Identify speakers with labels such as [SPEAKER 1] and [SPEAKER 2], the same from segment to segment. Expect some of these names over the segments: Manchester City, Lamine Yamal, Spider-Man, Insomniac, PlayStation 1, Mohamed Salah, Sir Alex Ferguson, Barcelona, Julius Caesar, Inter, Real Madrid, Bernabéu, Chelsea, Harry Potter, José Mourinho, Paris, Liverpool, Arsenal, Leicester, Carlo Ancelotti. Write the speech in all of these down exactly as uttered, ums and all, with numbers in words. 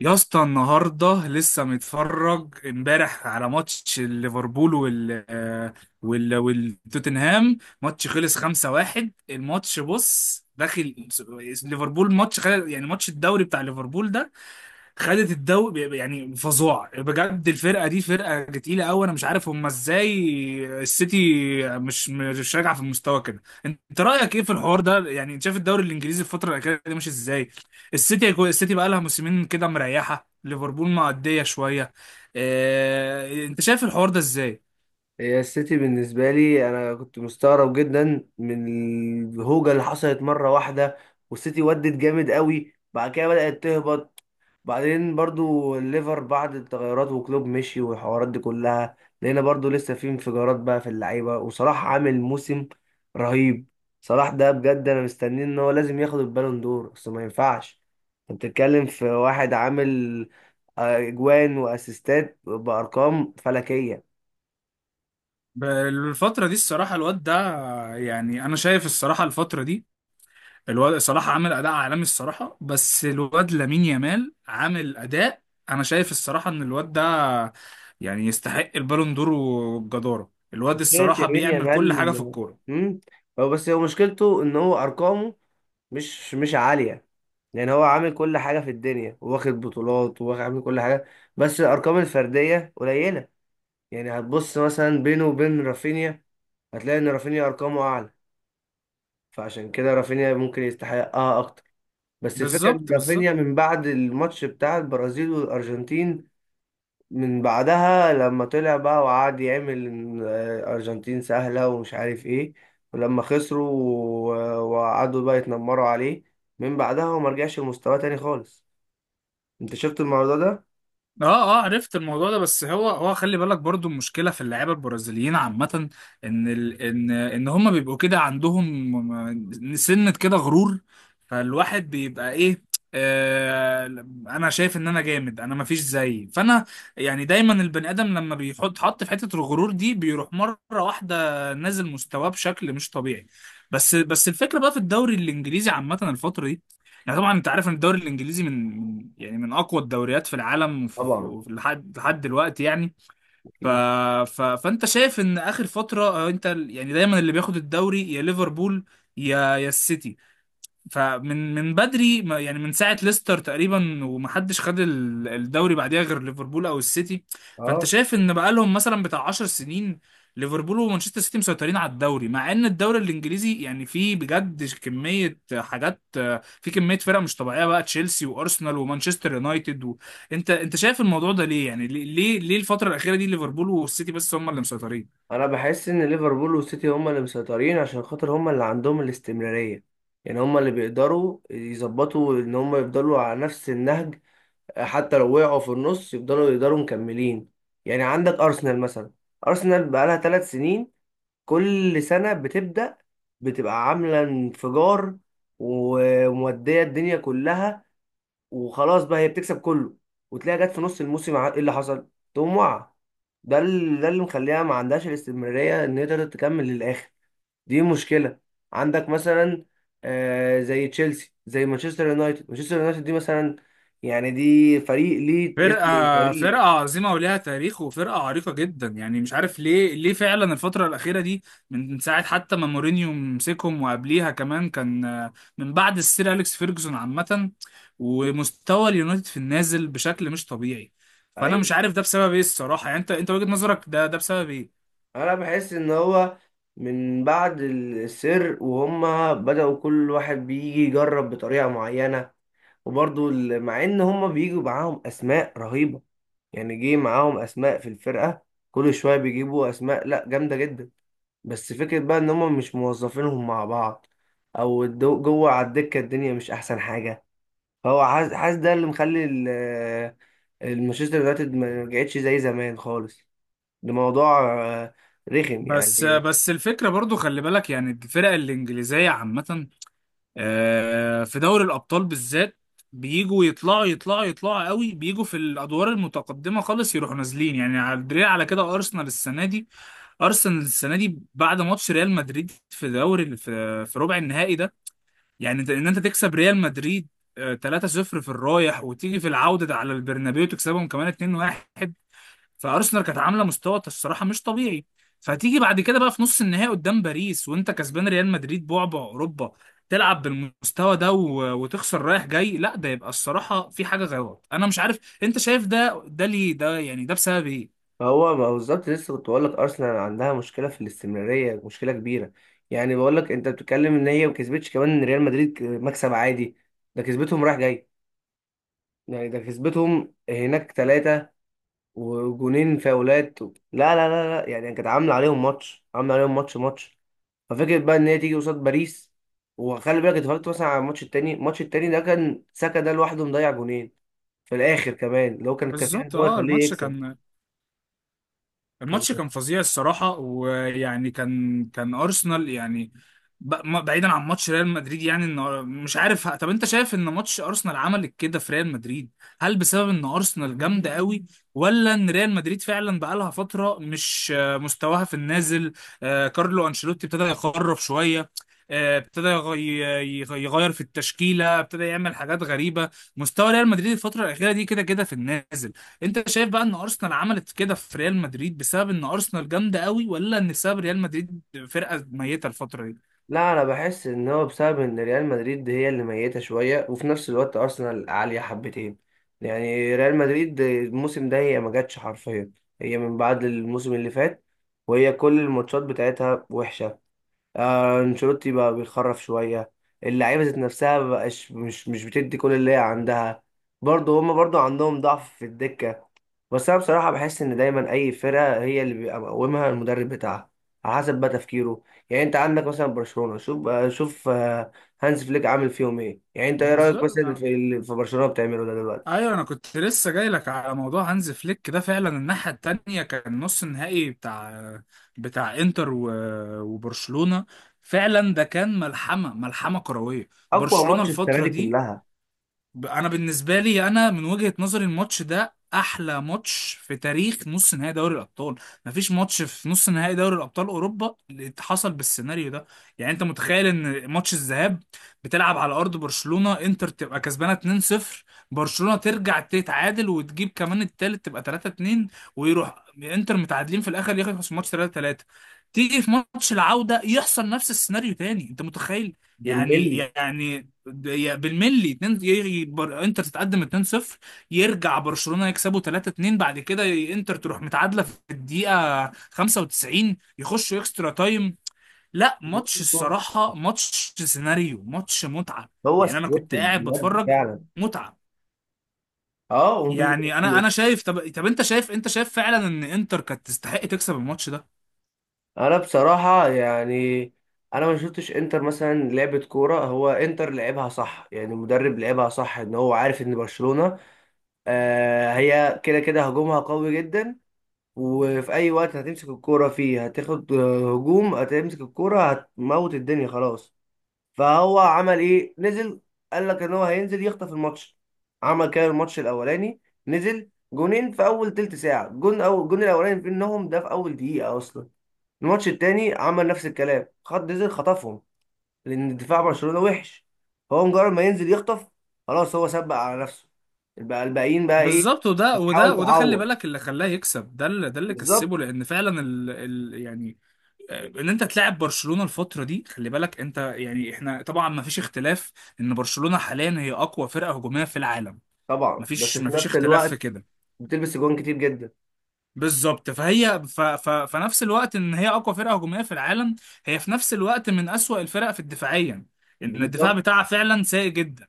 [SPEAKER 1] يا اسطى، النهارده لسه متفرج امبارح على ماتش ليفربول وال آه، وال والتوتنهام. ماتش خلص خمسة واحد. الماتش بص داخل ليفربول، ماتش خل... يعني ماتش الدوري بتاع ليفربول ده خدت الدوري، يعني فظاع بجد. الفرقه دي فرقه تقيله قوي، انا مش عارف هم ازاي السيتي مش مش راجعه في المستوى كده. انت رايك ايه في الحوار ده؟ يعني انت شايف الدوري الانجليزي الفتره الاخيره دي ماشي ازاي؟ السيتي السيتي بقى لها موسمين كده مريحه ليفربول، معديه شويه. اه... انت شايف الحوار ده ازاي؟
[SPEAKER 2] هي السيتي بالنسبة لي أنا كنت مستغرب جدا من الهوجة اللي حصلت مرة واحدة، والسيتي ودت جامد قوي. بعد كده بدأت تهبط. بعدين برضو الليفر بعد التغيرات وكلوب مشي والحوارات دي كلها، لقينا برضو لسه في انفجارات بقى في اللعيبة، وصلاح عامل موسم رهيب. صلاح ده بجد أنا مستنيه إن هو لازم ياخد البالون دور. أصل ما ينفعش أنت بتتكلم في واحد عامل آه، أجوان وأسيستات بأرقام فلكية.
[SPEAKER 1] ب- الفتره دي الصراحه الواد ده، يعني انا شايف الصراحه الفتره دي الواد صلاح عامل اداء عالمي الصراحه، بس الواد لامين يامال عامل اداء. انا شايف الصراحه ان الواد ده يعني يستحق البالون دور وبجداره. الواد
[SPEAKER 2] مشكلة
[SPEAKER 1] الصراحه
[SPEAKER 2] يمين
[SPEAKER 1] بيعمل كل
[SPEAKER 2] يامال
[SPEAKER 1] حاجه في
[SPEAKER 2] إنه-
[SPEAKER 1] الكوره.
[SPEAKER 2] مم. هو بس هو مشكلته ان هو ارقامه مش مش عالية. يعني هو عامل كل حاجة في الدنيا، واخد بطولات وعامل كل حاجة، بس الارقام الفردية قليلة. يعني هتبص مثلا بينه وبين رافينيا، هتلاقي ان رافينيا ارقامه اعلى، فعشان كده رافينيا ممكن يستحقها اكتر. بس الفكرة ان
[SPEAKER 1] بالظبط، بالظبط.
[SPEAKER 2] رافينيا من بعد الماتش بتاع البرازيل والارجنتين، من بعدها لما طلع بقى وقعد يعمل إن أرجنتين سهلة ومش عارف إيه، ولما خسروا و- وقعدوا بقى يتنمروا عليه، من بعدها هو مرجعش لمستواه تاني خالص. أنت شفت الموضوع ده؟
[SPEAKER 1] اه، اه، عرفت الموضوع ده. بس هو هو خلي بالك برضو المشكله في اللعيبه البرازيليين عامه، ان ال ان ان هم بيبقوا كده عندهم م- سنه كده غرور. فالواحد بيبقى ايه، آه انا شايف ان انا جامد، انا مفيش زيي، فانا يعني دايما البني ادم لما بيحط حط في حته الغرور دي بيروح مره واحده نازل مستواه بشكل مش طبيعي. بس بس الفكره بقى في الدوري الانجليزي عامه الفتره دي، يعني طبعا انت عارف ان الدوري الانجليزي من من- يعني من اقوى الدوريات في العالم وفي- في-
[SPEAKER 2] طبعا.
[SPEAKER 1] وفي- لحد لحد دلوقتي يعني. ف...
[SPEAKER 2] أكيد.
[SPEAKER 1] ف... فانت شايف ان اخر فتره، آه، انت ال- يعني دايما اللي بياخد الدوري يا ليفربول يا يا السيتي. فمن من بدري ما- يعني من ساعة ليستر تقريبا ومحدش خد ال- الدوري بعديها غير ليفربول او السيتي. فانت
[SPEAKER 2] أه.
[SPEAKER 1] شايف ان بقالهم مثلا بتاع عشر سنين ليفربول ومانشستر سيتي مسيطرين على الدوري، مع ان الدوري الانجليزي يعني فيه بجد كمية حاجات، في كمية فرق مش طبيعية بقى: تشيلسي وارسنال ومانشستر يونايتد و... انت انت شايف الموضوع ده ليه؟ يعني ليه ليه ليه الفترة الأخيرة دي ليفربول والسيتي بس هم اللي مسيطرين؟
[SPEAKER 2] أنا بحس إن ليفربول والسيتي هما اللي مسيطرين عشان خاطر هما اللي عندهم الاستمرارية. يعني هما اللي بيقدروا يظبطوا إن هما يفضلوا على نفس النهج، حتى لو وقعوا في النص يفضلوا يقدروا مكملين. يعني عندك ارسنال مثلا، ارسنال بقالها ثلاث سنين، كل سنه بتبدا، بتبقى عامله انفجار وموديه الدنيا كلها، وخلاص بقى هي بتكسب كله، وتلاقيها جت في نص الموسم ع- ايه اللي حصل؟ تقوم واقعه. ده ال- ده اللي مخليها ما عندهاش الاستمراريه ان هي تقدر تكمل للاخر. دي مشكلة. عندك مثلا آه، زي تشيلسي زي مانشستر يونايتد. مانشستر يونايتد دي مثلا، يعني دي فريق ليه اسم
[SPEAKER 1] فرقة فرقة
[SPEAKER 2] وتاريخ.
[SPEAKER 1] عظيمة ولها تاريخ، وفرقة عريقة جدا، يعني مش عارف ليه، ليه فعلا الفترة الأخيرة دي من من ساعة حتى ما مورينيو مسكهم، وقبليها كمان كان آه، من بعد السير أليكس فيرجسون عامة ومستوى اليونايتد في النازل بشكل مش طبيعي. فأنا مش
[SPEAKER 2] ايوه،
[SPEAKER 1] عارف ده بسبب إيه الصراحة، يعني أنت، أنت وجهة نظرك، ده ده بسبب إيه؟
[SPEAKER 2] انا بحس ان هو من بعد السر وهم بدأوا كل واحد بيجي يجرب بطريقة معينة. وبرضو ال- مع ان هم بيجوا معاهم اسماء رهيبة، يعني جه معاهم اسماء في الفرقة، كل شوية بيجيبوا اسماء لا جامدة جدا، بس فكرة بقى ان هم مش موظفينهم مع بعض، او الدو- جوه على الدكة الدنيا مش احسن حاجة. فهو حاسس، حاسس ده اللي مخلي ال- المانشستر يونايتد ما رجعتش زي زمان خالص. ده موضوع آه، رخم
[SPEAKER 1] بس
[SPEAKER 2] يعني.
[SPEAKER 1] بس الفكرة برضو خلي بالك يعني الفرق الإنجليزية عامة، آه، في دوري الابطال بالذات، بيجوا يطلعوا يطلعوا يطلعوا قوي، بيجوا في الادوار المتقدمه خالص يروحوا نازلين. يعني على الدليل على كده ارسنال السنه دي، ارسنال السنه دي بعد ماتش ريال مدريد في دوري في, في ربع النهائي ده، يعني انت- ان انت تكسب ريال مدريد آه، ثلاثة صفر في الرايح، وتيجي في العوده ده على البرنابيو تكسبهم كمان اتنين واحد. فارسنال كانت عامله مستوى الصراحه مش طبيعي، فتيجي بعد كده بقى في نص النهائي قدام باريس وانت كسبان ريال مدريد بعبع اوروبا، تلعب بالمستوى ده و... وتخسر رايح جاي؟ لا، ده يبقى الصراحه في حاجه غلط. انا مش عارف، انت شايف ده ده ليه؟ ده يعني ده بسبب ايه؟
[SPEAKER 2] فهو ما هو بالظبط لسه كنت بقول لك، ارسنال عندها مشكلة في الاستمرارية، مشكلة كبيرة. يعني بقول لك انت بتتكلم ان هي ما كسبتش كمان ريال مدريد ك- مكسب عادي، ده كسبتهم رايح جاي. يعني ده كسبتهم هناك ثلاثة وجونين فاولات و... لا لا لا لا، يعني كانت عامله عليهم ماتش، عامله عليهم ماتش ماتش. ففكرة بقى ان هي تيجي قصاد باريس. وخلي بالك اتفرجت مثلا على الماتش التاني، الماتش التاني ده كان ساكا ده لوحده مضيع جونين في الاخر كمان، اللي هو كان كفيل ان
[SPEAKER 1] بالظبط.
[SPEAKER 2] هو
[SPEAKER 1] اه
[SPEAKER 2] يخليه
[SPEAKER 1] الماتش
[SPEAKER 2] يكسب.
[SPEAKER 1] كان
[SPEAKER 2] كان
[SPEAKER 1] الماتش كان فظيع الصراحة، ويعني كان كان أرسنال يعني ب- ما- بعيدا عن ماتش ريال مدريد، يعني إن مش عارف، طب أنت شايف إن ماتش أرسنال عمل كده في ريال مدريد، هل بسبب إن أرسنال جامدة قوي، ولا إن ريال مدريد فعلا بقالها فترة مش، آه، مستواها في النازل؟ آه، كارلو أنشيلوتي ابتدى يخرف شوية، آه، ابتدى يغ- يغ- يغير في التشكيلة، ابتدى يعمل حاجات غريبة. مستوى ريال مدريد الفترة الأخيرة دي كده كده في النازل. انت شايف بقى ان ارسنال عملت كده في ريال مدريد بسبب ان ارسنال جامده قوي، ولا ان بسبب ريال مدريد فرقه ميته الفتره دي؟
[SPEAKER 2] لا، انا بحس ان هو بسبب ان ريال مدريد هي اللي ميته شويه، وفي نفس الوقت ارسنال عاليه حبتين. يعني ريال مدريد الموسم ده هي ما جاتش حرفيا، هي من بعد الموسم اللي فات وهي كل الماتشات بتاعتها وحشه. آه، انشيلوتي بقى بيخرف شويه، اللعيبه ذات نفسها مبقاش مش مش بتدي كل اللي هي عندها. برضه هما برضه عندهم ضعف في الدكه. بس انا بصراحه بحس ان دايما اي فرقه هي اللي بيبقى مقومها المدرب بتاعها، على حسب بقى تفكيره. يعني انت عندك مثلا برشلونه، شوف آه، شوف آه، هانز فليك عامل فيهم ايه. يعني انت ايه رايك مثلا
[SPEAKER 1] بالظبط.
[SPEAKER 2] في اللي في برشلونه بتعمله ده دلوقتي؟
[SPEAKER 1] ايوه، انا كنت لسه جاي لك على موضوع هانز فليك ده. فعلا الناحيه التانية كان نص النهائي بتاع بتاع انتر و- وبرشلونه. فعلا ده كان ملحمه، ملحمه كرويه.
[SPEAKER 2] اقوى
[SPEAKER 1] برشلونه
[SPEAKER 2] ماتش السنه
[SPEAKER 1] الفتره
[SPEAKER 2] دي
[SPEAKER 1] دي،
[SPEAKER 2] كلها.
[SPEAKER 1] ب- انا بالنسبه لي، انا من وجهه نظري الماتش ده احلى ماتش في تاريخ نص نهائي دوري الابطال. مفيش ماتش في نص نهائي دوري الابطال اوروبا اللي حصل بالسيناريو ده. يعني انت متخيل ان ماتش الذهاب بتلعب على ارض برشلونه، انتر تبقى كسبانه اتنين صفر، برشلونه ترجع تتعادل وتجيب كمان التالت تبقى ثلاثة اتنين، ويروح انتر متعادلين في الاخر يخلص الماتش ثلاثة ثلاثة؟ تيجي في ماتش العوده يحصل نفس السيناريو تاني، انت متخيل؟ يعني
[SPEAKER 2] بالملي.
[SPEAKER 1] يعني يا- بالملي اتنين، يجي بر... انتر تتقدم اتنين صفر، يرجع برشلونة يكسبوا ثلاثة اتنين، بعد كده انتر تروح متعادلة في الدقيقة خمسة وتسعين، يخشوا اكسترا تايم. لا، ماتش الصراحة، ماتش سيناريو، ماتش متعة.
[SPEAKER 2] هو
[SPEAKER 1] يعني انا كنت
[SPEAKER 2] سكريبتد
[SPEAKER 1] قاعد
[SPEAKER 2] بجد
[SPEAKER 1] بتفرج،
[SPEAKER 2] فعلا.
[SPEAKER 1] متعة.
[SPEAKER 2] اه.
[SPEAKER 1] يعني انا انا شايف، طب طب انت شايف انت شايف فعلا ان انتر كانت تستحق تكسب الماتش ده؟
[SPEAKER 2] انا بصراحه يعني انا ما شفتش انتر مثلا لعبه كوره. هو انتر لعبها صح، يعني المدرب لعبها صح، ان هو عارف ان برشلونه آه هي كده كده هجومها قوي جدا، وفي اي وقت هتمسك الكوره فيه هتاخد آه، هجوم. هتمسك الكوره هتموت الدنيا خلاص. فهو عمل ايه، نزل. قال لك ان هو هينزل يخطف الماتش، عمل كده الماتش الاولاني، نزل جونين في اول تلت ساعه. جون او الجون الاولاني في انهم ده في اول دقيقه اصلا. الماتش التاني عمل نفس الكلام، خد نزل خطفهم، لان دفاع برشلونة وحش. فهو مجرد ما ينزل يخطف خلاص، هو سبق على نفسه. البقى الباقيين بقى ايه.
[SPEAKER 1] بالظبط. وده وده
[SPEAKER 2] بتحاول
[SPEAKER 1] وده خلي
[SPEAKER 2] تعوض.
[SPEAKER 1] بالك اللي خلاه يكسب ده، اللي ده اللي
[SPEAKER 2] بالظبط.
[SPEAKER 1] كسبه، لان فعلا ال... ال... يعني ان انت تلعب برشلونة الفترة دي، خلي بالك انت يعني احنا طبعا ما فيش اختلاف ان برشلونة حاليا هي اقوى فرقة هجومية في العالم، ما
[SPEAKER 2] طبعا، بس
[SPEAKER 1] فيش
[SPEAKER 2] في
[SPEAKER 1] ما فيش
[SPEAKER 2] نفس
[SPEAKER 1] اختلاف في
[SPEAKER 2] الوقت
[SPEAKER 1] كده.
[SPEAKER 2] بتلبس جوان كتير جدا.
[SPEAKER 1] بالظبط. فهي ف... ف... فنفس الوقت ان هي اقوى فرقه هجوميه في العالم، هي في نفس الوقت من اسوأ الفرق في الدفاعيا، ان الدفاع
[SPEAKER 2] بالظبط.
[SPEAKER 1] بتاعها فعلا سيء جدا.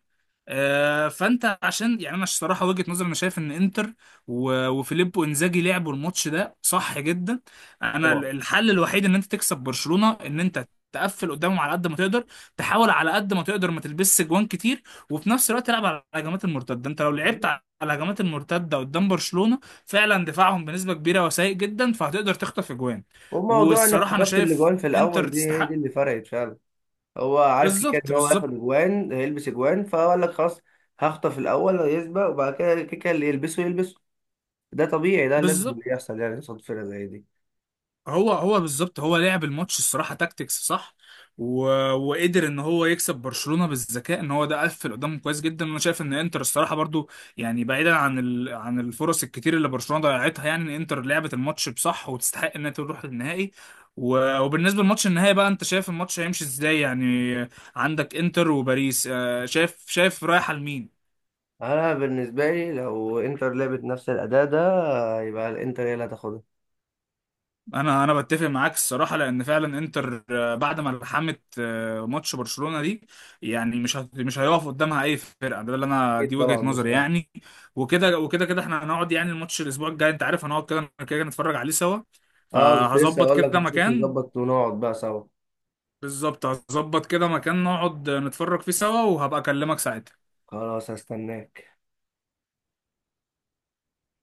[SPEAKER 1] آه، فانت عشان، يعني انا الصراحه وجهه نظري، انا شايف ان انتر و- وفيليبو انزاجي لعبوا الماتش ده صح جدا. انا ال-
[SPEAKER 2] طبعا.
[SPEAKER 1] الحل الوحيد ان انت تكسب برشلونه ان انت تقفل قدامهم على قد ما تقدر، تحاول على قد ما تقدر ما تلبسش جوان كتير، وفي نفس الوقت تلعب على الهجمات المرتده. انت لو لعبت على الهجمات المرتده قدام برشلونه، فعلا دفاعهم بنسبة كبيرة وسيء جدا، فهتقدر تخطف اجوان.
[SPEAKER 2] وموضوع انك
[SPEAKER 1] والصراحة انا
[SPEAKER 2] خطفت
[SPEAKER 1] شايف
[SPEAKER 2] الاجوان في
[SPEAKER 1] انتر
[SPEAKER 2] الاول دي هي دي
[SPEAKER 1] تستحق.
[SPEAKER 2] اللي فرقت فعلا. هو عارف كده كده
[SPEAKER 1] بالظبط،
[SPEAKER 2] ان هو
[SPEAKER 1] بالظبط،
[SPEAKER 2] هياخد اجوان، هيلبس اجوان، فقال لك خلاص هخطف الاول يسبق، وبعد كده كده كده اللي يلبسه يلبسه. ده طبيعي، ده لازم
[SPEAKER 1] بالظبط.
[SPEAKER 2] اللي يحصل يعني قصاد فرقه زي دي.
[SPEAKER 1] هو هو بالظبط هو لعب الماتش الصراحه تاكتكس صح، و... وقدر ان هو يكسب برشلونه بالذكاء، ان هو ده قفل قدامه كويس جدا، وانا شايف ان انتر الصراحه برضو يعني بعيدا عن ال... عن الفرص الكتير اللي برشلونه ضيعتها، يعني ان انتر لعبت الماتش بصح وتستحق انها تروح للنهائي. و... وبالنسبه لماتش النهائي بقى، انت شايف الماتش هيمشي ازاي يعني؟ عندك انتر وباريس، آه، شايف، شايف رايحه لمين؟
[SPEAKER 2] انا بالنسبه لي لو انتر لعبت نفس الاداء ده، يبقى الانتر هي اللي هتاخدها.
[SPEAKER 1] انا انا بتفق معاك الصراحه، لان فعلا انتر آه، بعد ما لحمت آه، ماتش برشلونه دي، يعني مش هت- مش هيقف قدامها اي فرقه، ده اللي انا
[SPEAKER 2] اكيد
[SPEAKER 1] دي وجهه
[SPEAKER 2] طبعا
[SPEAKER 1] نظري
[SPEAKER 2] بصراحه.
[SPEAKER 1] يعني. وكده وكده كده احنا هنقعد يعني الماتش الاسبوع الجاي، انت عارف هنقعد كده كده كده نتفرج عليه سوا،
[SPEAKER 2] اه، كنت لسه
[SPEAKER 1] فهظبط
[SPEAKER 2] اقول لك
[SPEAKER 1] كده
[SPEAKER 2] نشوف
[SPEAKER 1] مكان.
[SPEAKER 2] نظبط ونقعد بقى سوا.
[SPEAKER 1] بالظبط، هظبط كده مكان نقعد نتفرج فيه سوا، وهبقى اكلمك ساعتها.
[SPEAKER 2] خلاص، هستناك.